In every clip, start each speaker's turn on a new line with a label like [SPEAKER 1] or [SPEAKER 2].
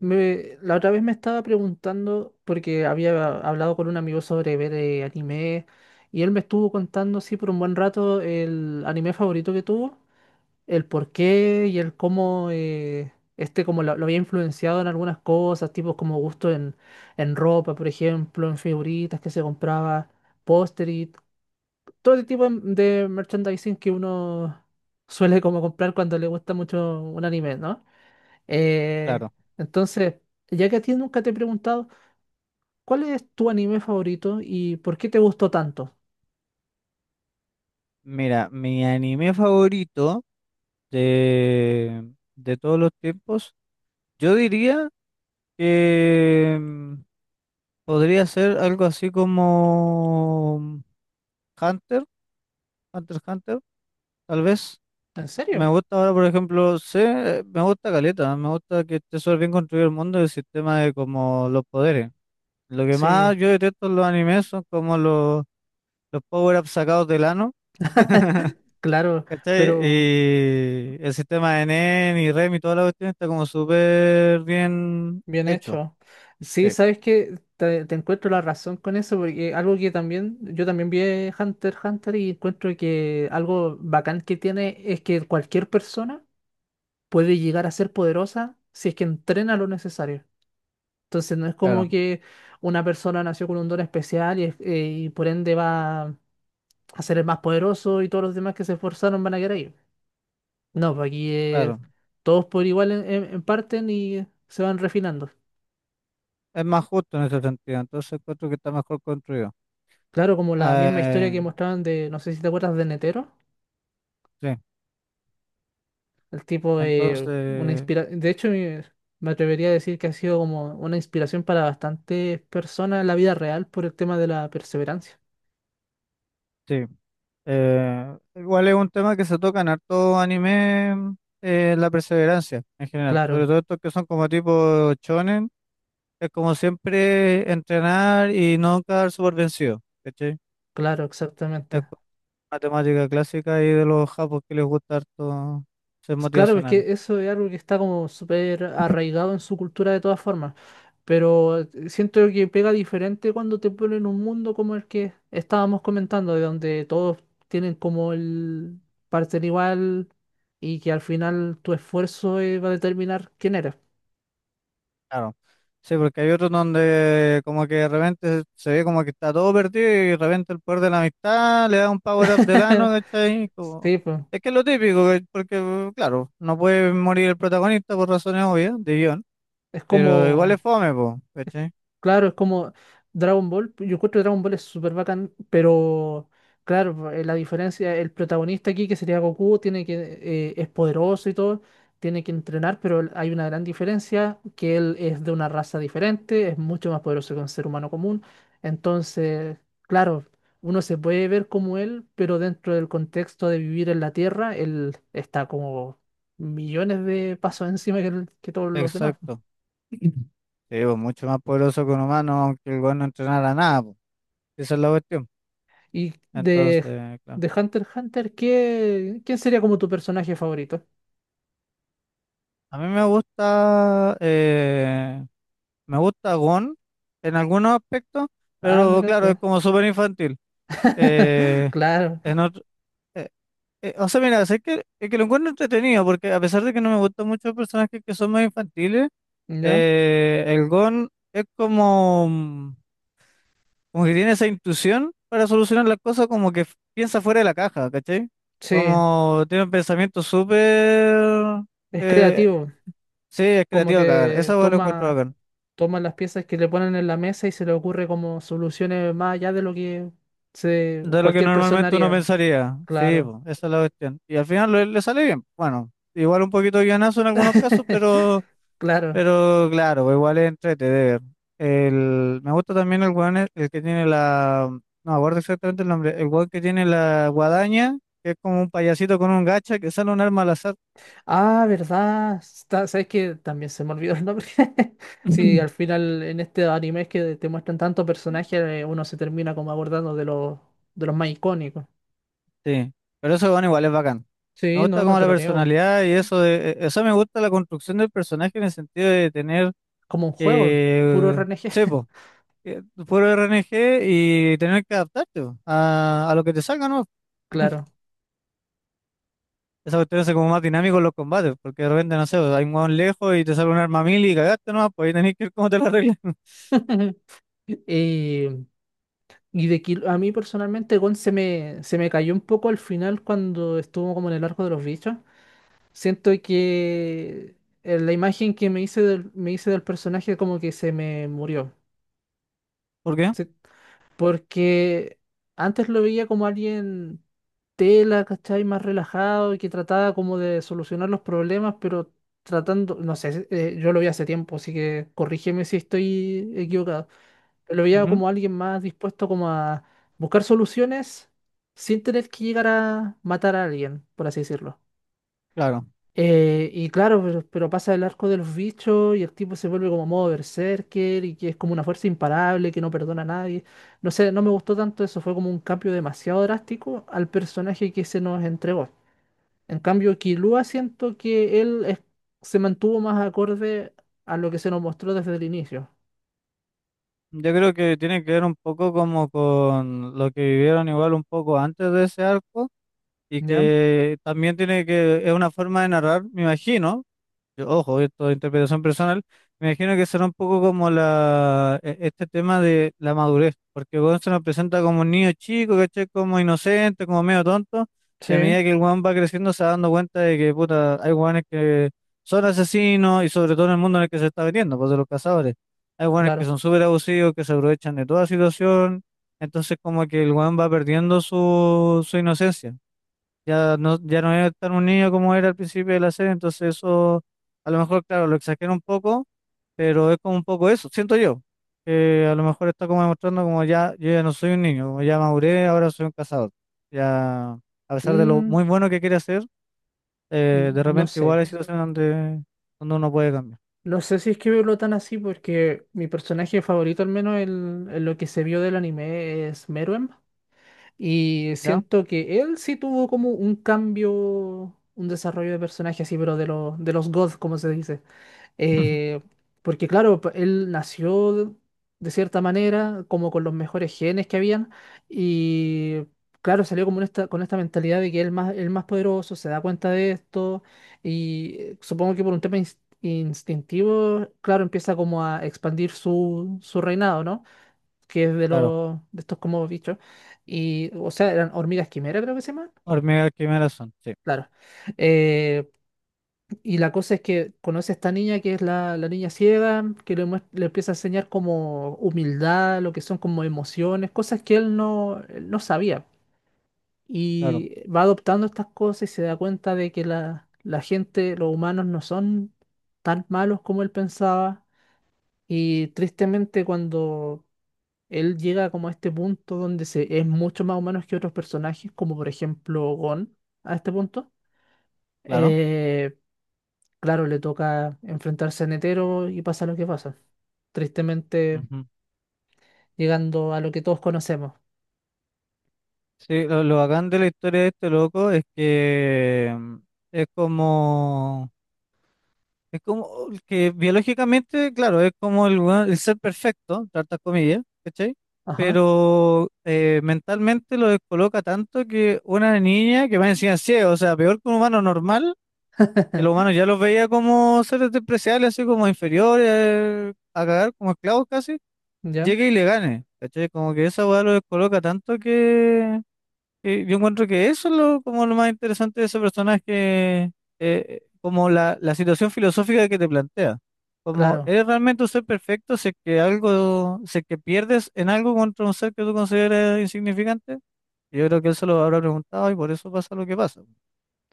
[SPEAKER 1] Me, la otra vez me estaba preguntando, porque había hablado con un amigo sobre ver anime, y él me estuvo contando, sí, por un buen rato, el anime favorito que tuvo, el por qué y el cómo como lo había influenciado en algunas cosas, tipo como gusto en ropa, por ejemplo, en figuritas que se compraba, póster y todo el tipo de merchandising que uno suele como comprar cuando le gusta mucho un anime, ¿no? Eh,
[SPEAKER 2] Claro,
[SPEAKER 1] entonces, ya que a ti nunca te he preguntado, ¿cuál es tu anime favorito y por qué te gustó tanto?
[SPEAKER 2] mira, mi anime favorito de todos los tiempos, yo diría que podría ser algo así como Hunter, Hunter x Hunter, tal vez.
[SPEAKER 1] ¿En
[SPEAKER 2] Me
[SPEAKER 1] serio?
[SPEAKER 2] gusta ahora, por ejemplo, sé, me gusta Caleta, me gusta que esté súper bien construido el mundo y el sistema de como los poderes. Lo que
[SPEAKER 1] Sí,
[SPEAKER 2] más yo detesto en los animes son como los power-ups sacados del ano.
[SPEAKER 1] claro,
[SPEAKER 2] ¿Cachai?
[SPEAKER 1] pero
[SPEAKER 2] Y el sistema de NEN y REM y toda la cuestión está como súper bien
[SPEAKER 1] bien
[SPEAKER 2] hecho.
[SPEAKER 1] hecho. Sí,
[SPEAKER 2] Sí,
[SPEAKER 1] sabes que te encuentro la razón con eso, porque algo que también, yo también vi Hunter x Hunter y encuentro que algo bacán que tiene es que cualquier persona puede llegar a ser poderosa si es que entrena lo necesario. Entonces no es
[SPEAKER 2] claro,
[SPEAKER 1] como que una persona nació con un don especial y por ende va a ser el más poderoso y todos los demás que se esforzaron van a quedar ahí. No, pues aquí es
[SPEAKER 2] claro.
[SPEAKER 1] todos por igual en parten y se van refinando.
[SPEAKER 2] Es más justo en ese sentido. Entonces encuentro que está mejor construido.
[SPEAKER 1] Claro, como la misma historia
[SPEAKER 2] Eh,
[SPEAKER 1] que mostraban de, no sé si te acuerdas de Netero,
[SPEAKER 2] sí,
[SPEAKER 1] el tipo de una
[SPEAKER 2] entonces,
[SPEAKER 1] inspiración, de hecho me atrevería a decir que ha sido como una inspiración para bastantes personas en la vida real por el tema de la perseverancia.
[SPEAKER 2] sí. Igual es un tema que se toca en harto anime, la perseverancia en general. Sobre
[SPEAKER 1] Claro,
[SPEAKER 2] todo estos que son como tipo shonen. Es como siempre entrenar y no quedar súper vencido. ¿Cachai?
[SPEAKER 1] claro,
[SPEAKER 2] Es
[SPEAKER 1] exactamente.
[SPEAKER 2] matemática clásica y de los japos que les gusta harto ser
[SPEAKER 1] Claro, es
[SPEAKER 2] motivacionales.
[SPEAKER 1] que eso es algo que está como súper arraigado en su cultura de todas formas, pero siento que pega diferente cuando te ponen un mundo como el que estábamos comentando, de donde todos tienen como el parecer igual y que al final tu esfuerzo va a determinar quién eres.
[SPEAKER 2] Claro. Sí, porque hay otros donde como que de repente se ve como que está todo perdido y de repente el poder de la amistad le da un power up del ano, ¿cachai?
[SPEAKER 1] Sí, pues
[SPEAKER 2] Es que es lo típico, porque claro, no puede morir el protagonista por razones obvias de guión,
[SPEAKER 1] es
[SPEAKER 2] pero igual
[SPEAKER 1] como
[SPEAKER 2] es fome, po, ¿cachai?
[SPEAKER 1] Claro, es como Dragon Ball. Yo encuentro que Dragon Ball es súper bacán, pero claro, la diferencia, el protagonista aquí, que sería Goku, es poderoso y todo, tiene que entrenar, pero hay una gran diferencia, que él es de una raza diferente, es mucho más poderoso que un ser humano común. Entonces, claro, uno se puede ver como él, pero dentro del contexto de vivir en la Tierra, él está como millones de pasos encima que todos los demás.
[SPEAKER 2] Exacto. Sí, pues, mucho más poderoso que un humano, aunque el weón no entrenara nada, pues. Esa es la cuestión.
[SPEAKER 1] Y
[SPEAKER 2] Entonces, claro.
[SPEAKER 1] de Hunter x Hunter, ¿quién sería como tu personaje favorito?
[SPEAKER 2] A mí me gusta Gon en algunos aspectos,
[SPEAKER 1] Ah,
[SPEAKER 2] pero
[SPEAKER 1] mira
[SPEAKER 2] claro, es
[SPEAKER 1] tú.
[SPEAKER 2] como súper infantil. Eh,
[SPEAKER 1] Claro,
[SPEAKER 2] en otro- eh, o sea, mira, sé que, es que lo encuentro entretenido, porque a pesar de que no me gustan mucho los personajes que son más infantiles,
[SPEAKER 1] ¿ya?
[SPEAKER 2] el Gon es como, como que tiene esa intuición para solucionar las cosas, como que piensa fuera de la caja, ¿cachai?
[SPEAKER 1] Sí,
[SPEAKER 2] Como tiene un pensamiento súper,
[SPEAKER 1] es
[SPEAKER 2] eh,
[SPEAKER 1] creativo.
[SPEAKER 2] sí, es
[SPEAKER 1] Como
[SPEAKER 2] creativo a cagar,
[SPEAKER 1] que
[SPEAKER 2] esa hueá lo encuentro acá.
[SPEAKER 1] toma las piezas que le ponen en la mesa y se le ocurre como soluciones más allá de lo que
[SPEAKER 2] De lo que
[SPEAKER 1] cualquier persona
[SPEAKER 2] normalmente uno
[SPEAKER 1] haría.
[SPEAKER 2] pensaría. Sí,
[SPEAKER 1] Claro,
[SPEAKER 2] po, esa es la cuestión. Y al final le, le sale bien. Bueno, igual un poquito de guionazo en algunos casos, pero,
[SPEAKER 1] claro.
[SPEAKER 2] pero claro, pues igual es entrete de ver. El, me gusta también el weón, el que tiene la, no me acuerdo exactamente el nombre, el weón que tiene la guadaña, que es como un payasito con un gacha que sale un arma al azar.
[SPEAKER 1] Ah, ¿verdad? ¿Sabes que? También se me olvidó el nombre. Sí, al final en este anime que te muestran tantos personajes, uno se termina como abordando de de los más icónicos.
[SPEAKER 2] Sí, pero eso bueno, igual es bacán. Me
[SPEAKER 1] Sí,
[SPEAKER 2] gusta
[SPEAKER 1] no, no
[SPEAKER 2] como
[SPEAKER 1] te
[SPEAKER 2] la
[SPEAKER 1] lo niego.
[SPEAKER 2] personalidad y eso de, eso me gusta la construcción del personaje en el sentido de tener
[SPEAKER 1] Como un juego, puro
[SPEAKER 2] que,
[SPEAKER 1] RNG.
[SPEAKER 2] sepo eh, puro RNG y tener que adaptarte po, a lo que te salga, ¿no?
[SPEAKER 1] Claro.
[SPEAKER 2] Esa cuestión hace como más dinámico los combates, porque de repente, no sé, hay un hueón lejos y te sale un arma mil y cagaste, ¿no? Pues ahí tenés que ver cómo te la arreglas.
[SPEAKER 1] Eh, a mí personalmente Gon se me cayó un poco al final cuando estuvo como en el arco de los bichos. Siento que la imagen que me hice me hice del personaje como que se me murió.
[SPEAKER 2] ¿Por qué?
[SPEAKER 1] Sí, porque antes lo veía como alguien tela, ¿cachai? Más relajado y que trataba como de solucionar los problemas, pero tratando, no sé, yo lo vi hace tiempo, así que corrígeme si estoy equivocado. Pero lo veía
[SPEAKER 2] Ujú,
[SPEAKER 1] como alguien más dispuesto como a buscar soluciones sin tener que llegar a matar a alguien, por así decirlo.
[SPEAKER 2] claro.
[SPEAKER 1] Y claro, pero pasa el arco de los bichos y el tipo se vuelve como modo berserker y que es como una fuerza imparable que no perdona a nadie. No sé, no me gustó tanto eso, fue como un cambio demasiado drástico al personaje que se nos entregó. En cambio, Killua siento que se mantuvo más acorde a lo que se nos mostró desde el inicio.
[SPEAKER 2] Yo creo que tiene que ver un poco como con lo que vivieron igual un poco antes de ese arco y
[SPEAKER 1] ¿Ya?
[SPEAKER 2] que también tiene que, es una forma de narrar, me imagino. Yo, ojo, esto es interpretación personal. Me imagino que será un poco como la, este tema de la madurez, porque Gon se nos presenta como un niño chico, ¿cachai? Como inocente, como medio tonto, y a
[SPEAKER 1] Sí,
[SPEAKER 2] medida que el Juan va creciendo se va dando cuenta de que, puta, hay guanes que son asesinos y sobre todo en el mundo en el que se está metiendo, pues de los cazadores. Hay guanes que
[SPEAKER 1] claro.
[SPEAKER 2] son súper abusivos, que se aprovechan de toda situación, entonces como que el Juan va perdiendo su, inocencia. Ya no, ya no es tan unido como era al principio de la serie, entonces eso, a lo mejor, claro, lo exagera un poco, pero es como un poco eso, siento yo, que a lo mejor está como demostrando como ya, yo ya no soy un niño, como ya maduré, ahora soy un cazador. Ya, a pesar de lo muy
[SPEAKER 1] Mm,
[SPEAKER 2] bueno que quiere hacer, de
[SPEAKER 1] no
[SPEAKER 2] repente igual
[SPEAKER 1] sé.
[SPEAKER 2] hay situaciones donde, donde uno puede cambiar,
[SPEAKER 1] No sé si es que verlo tan así porque mi personaje favorito, al menos en, lo que se vio del anime, es Meruem. Y
[SPEAKER 2] ¿ya?
[SPEAKER 1] siento que él sí tuvo como un cambio, un desarrollo de personaje así, pero de los gods, como se dice. Eh, porque claro, él nació de cierta manera, como con los mejores genes que habían, y claro, salió como en esta, con esta mentalidad de que el más poderoso se da cuenta de esto, y supongo que por un tema instintivo, claro, empieza como a expandir su reinado, ¿no? Que es de
[SPEAKER 2] Claro,
[SPEAKER 1] los de estos como bichos. Y, o sea, eran hormigas quimera, creo que se llaman.
[SPEAKER 2] hormigas quimeras son, sí,
[SPEAKER 1] Claro. Eh, y la cosa es que conoce a esta niña que es la niña ciega, que le empieza a enseñar como humildad, lo que son como emociones, cosas que él no sabía.
[SPEAKER 2] claro,
[SPEAKER 1] Y va adoptando estas cosas y se da cuenta de que la gente, los humanos no son tan malos como él pensaba. Y tristemente cuando él llega como a este punto donde es mucho más humano que otros personajes, como por ejemplo Gon, a este punto.
[SPEAKER 2] claro.
[SPEAKER 1] Eh, claro, le toca enfrentarse a Netero y pasa lo que pasa. Tristemente
[SPEAKER 2] Ujú.
[SPEAKER 1] llegando a lo que todos conocemos.
[SPEAKER 2] Sí, lo bacán de la historia de este loco es que es como... Es como que biológicamente, claro, es como el ser perfecto, entre hartas comillas, ¿cachai?
[SPEAKER 1] Ajá.
[SPEAKER 2] Pero mentalmente lo descoloca tanto que una niña que va encima ciego, o sea, peor que un humano normal, que los humanos ya los veía como seres despreciables, así como inferiores, a cagar, como esclavos casi,
[SPEAKER 1] ¿Ya?
[SPEAKER 2] llegue y le gane, ¿cachai? Como que esa weá lo descoloca tanto que yo encuentro que eso es lo, como lo más interesante de ese personaje, como la situación filosófica que te plantea. Como,
[SPEAKER 1] Claro,
[SPEAKER 2] ¿eres realmente un ser perfecto si es que pierdes en algo contra un ser que tú consideras insignificante? Yo creo que él se lo habrá preguntado y por eso pasa lo que pasa.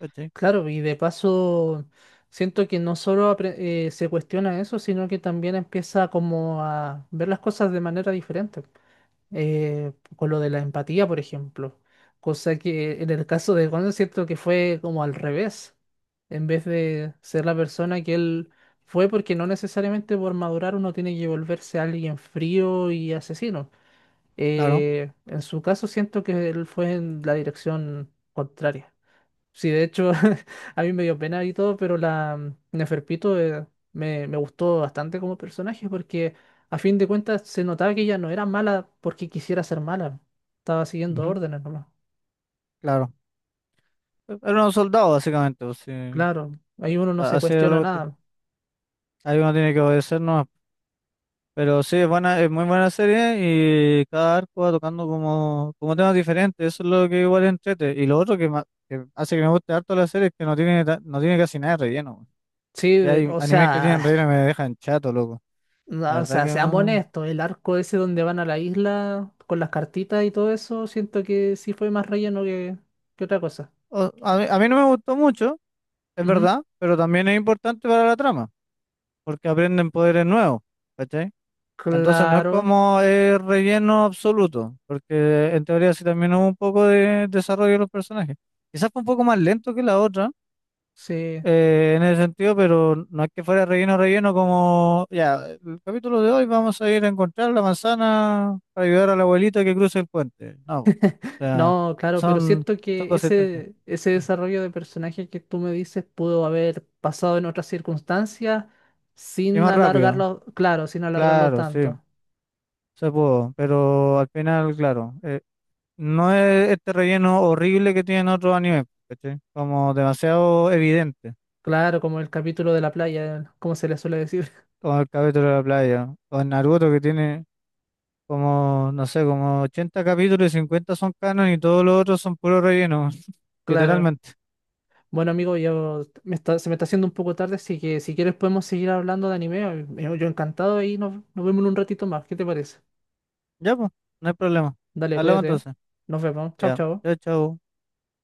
[SPEAKER 2] ¿Cachai?
[SPEAKER 1] claro, y de paso siento que no solo apre- se cuestiona eso, sino que también empieza como a ver las cosas de manera diferente. Con lo de la empatía, por ejemplo. Cosa que en el caso de Gon siento que fue como al revés. En vez de ser la persona que él fue, porque no necesariamente por madurar uno tiene que volverse alguien frío y asesino.
[SPEAKER 2] Claro.
[SPEAKER 1] En su caso siento que él fue en la dirección contraria. Sí, de hecho, a mí me dio pena y todo, pero Neferpito me gustó bastante como personaje porque a fin de cuentas se notaba que ella no era mala porque quisiera ser mala. Estaba siguiendo
[SPEAKER 2] Ujú,
[SPEAKER 1] órdenes nomás.
[SPEAKER 2] claro. Era un soldado, básicamente. O sea,
[SPEAKER 1] Claro, ahí uno no se
[SPEAKER 2] así era la
[SPEAKER 1] cuestiona
[SPEAKER 2] cuestión.
[SPEAKER 1] nada.
[SPEAKER 2] Ahí uno tiene que obedecernos. Pero sí, es buena, es muy buena serie y cada arco va tocando como, como temas diferentes, eso es lo que igual entrete. Y lo otro que, que hace que me guste harto la serie es que no tiene, no tiene casi nada de relleno, güey.
[SPEAKER 1] Sí,
[SPEAKER 2] Que hay
[SPEAKER 1] o
[SPEAKER 2] animes que tienen
[SPEAKER 1] sea,
[SPEAKER 2] relleno y me dejan chato, loco. La
[SPEAKER 1] no, o
[SPEAKER 2] verdad
[SPEAKER 1] sea,
[SPEAKER 2] que
[SPEAKER 1] seamos
[SPEAKER 2] no-
[SPEAKER 1] honestos, el arco ese donde van a la isla con las cartitas y todo eso, siento que sí fue más relleno que otra cosa.
[SPEAKER 2] o- A mí no me gustó mucho, es
[SPEAKER 1] Ujú.
[SPEAKER 2] verdad, pero también es importante para la trama, porque aprenden poderes nuevos, ¿cachai? Entonces no es
[SPEAKER 1] Claro,
[SPEAKER 2] como relleno absoluto, porque en teoría sí también hubo un poco de desarrollo de los personajes. Quizás fue un poco más lento que la otra
[SPEAKER 1] sí.
[SPEAKER 2] en ese sentido, pero no es que fuera relleno, relleno como, ya, el capítulo de hoy vamos a ir a encontrar la manzana para ayudar a la abuelita que cruce el puente. No, o sea,
[SPEAKER 1] No, claro, pero
[SPEAKER 2] son,
[SPEAKER 1] siento
[SPEAKER 2] son
[SPEAKER 1] que
[SPEAKER 2] consistentes.
[SPEAKER 1] ese
[SPEAKER 2] Mm.
[SPEAKER 1] desarrollo de personaje que tú me dices pudo haber pasado en otras circunstancias
[SPEAKER 2] Y
[SPEAKER 1] sin
[SPEAKER 2] más rápido,
[SPEAKER 1] alargarlo, claro, sin alargarlo
[SPEAKER 2] claro, sí,
[SPEAKER 1] tanto.
[SPEAKER 2] se pudo, pero al final, claro, no es este relleno horrible que tienen otros animes, ¿cachai? Como demasiado evidente,
[SPEAKER 1] Claro, como el capítulo de la playa, como se le suele decir.
[SPEAKER 2] como el capítulo de la playa, o el Naruto que tiene... Como, no sé, como 80 capítulos y 50 son canon y todos los otros son puro relleno,
[SPEAKER 1] Claro.
[SPEAKER 2] literalmente.
[SPEAKER 1] Bueno, amigo, se me está haciendo un poco tarde, así que si quieres podemos seguir hablando de anime. Yo encantado y nos vemos en un ratito más. ¿Qué te parece?
[SPEAKER 2] Ya, pues, no hay problema.
[SPEAKER 1] Dale,
[SPEAKER 2] Hablamos
[SPEAKER 1] cuídate. ¿Eh?
[SPEAKER 2] entonces.
[SPEAKER 1] Nos vemos. Chao,
[SPEAKER 2] Ya,
[SPEAKER 1] chao.
[SPEAKER 2] chao, chao.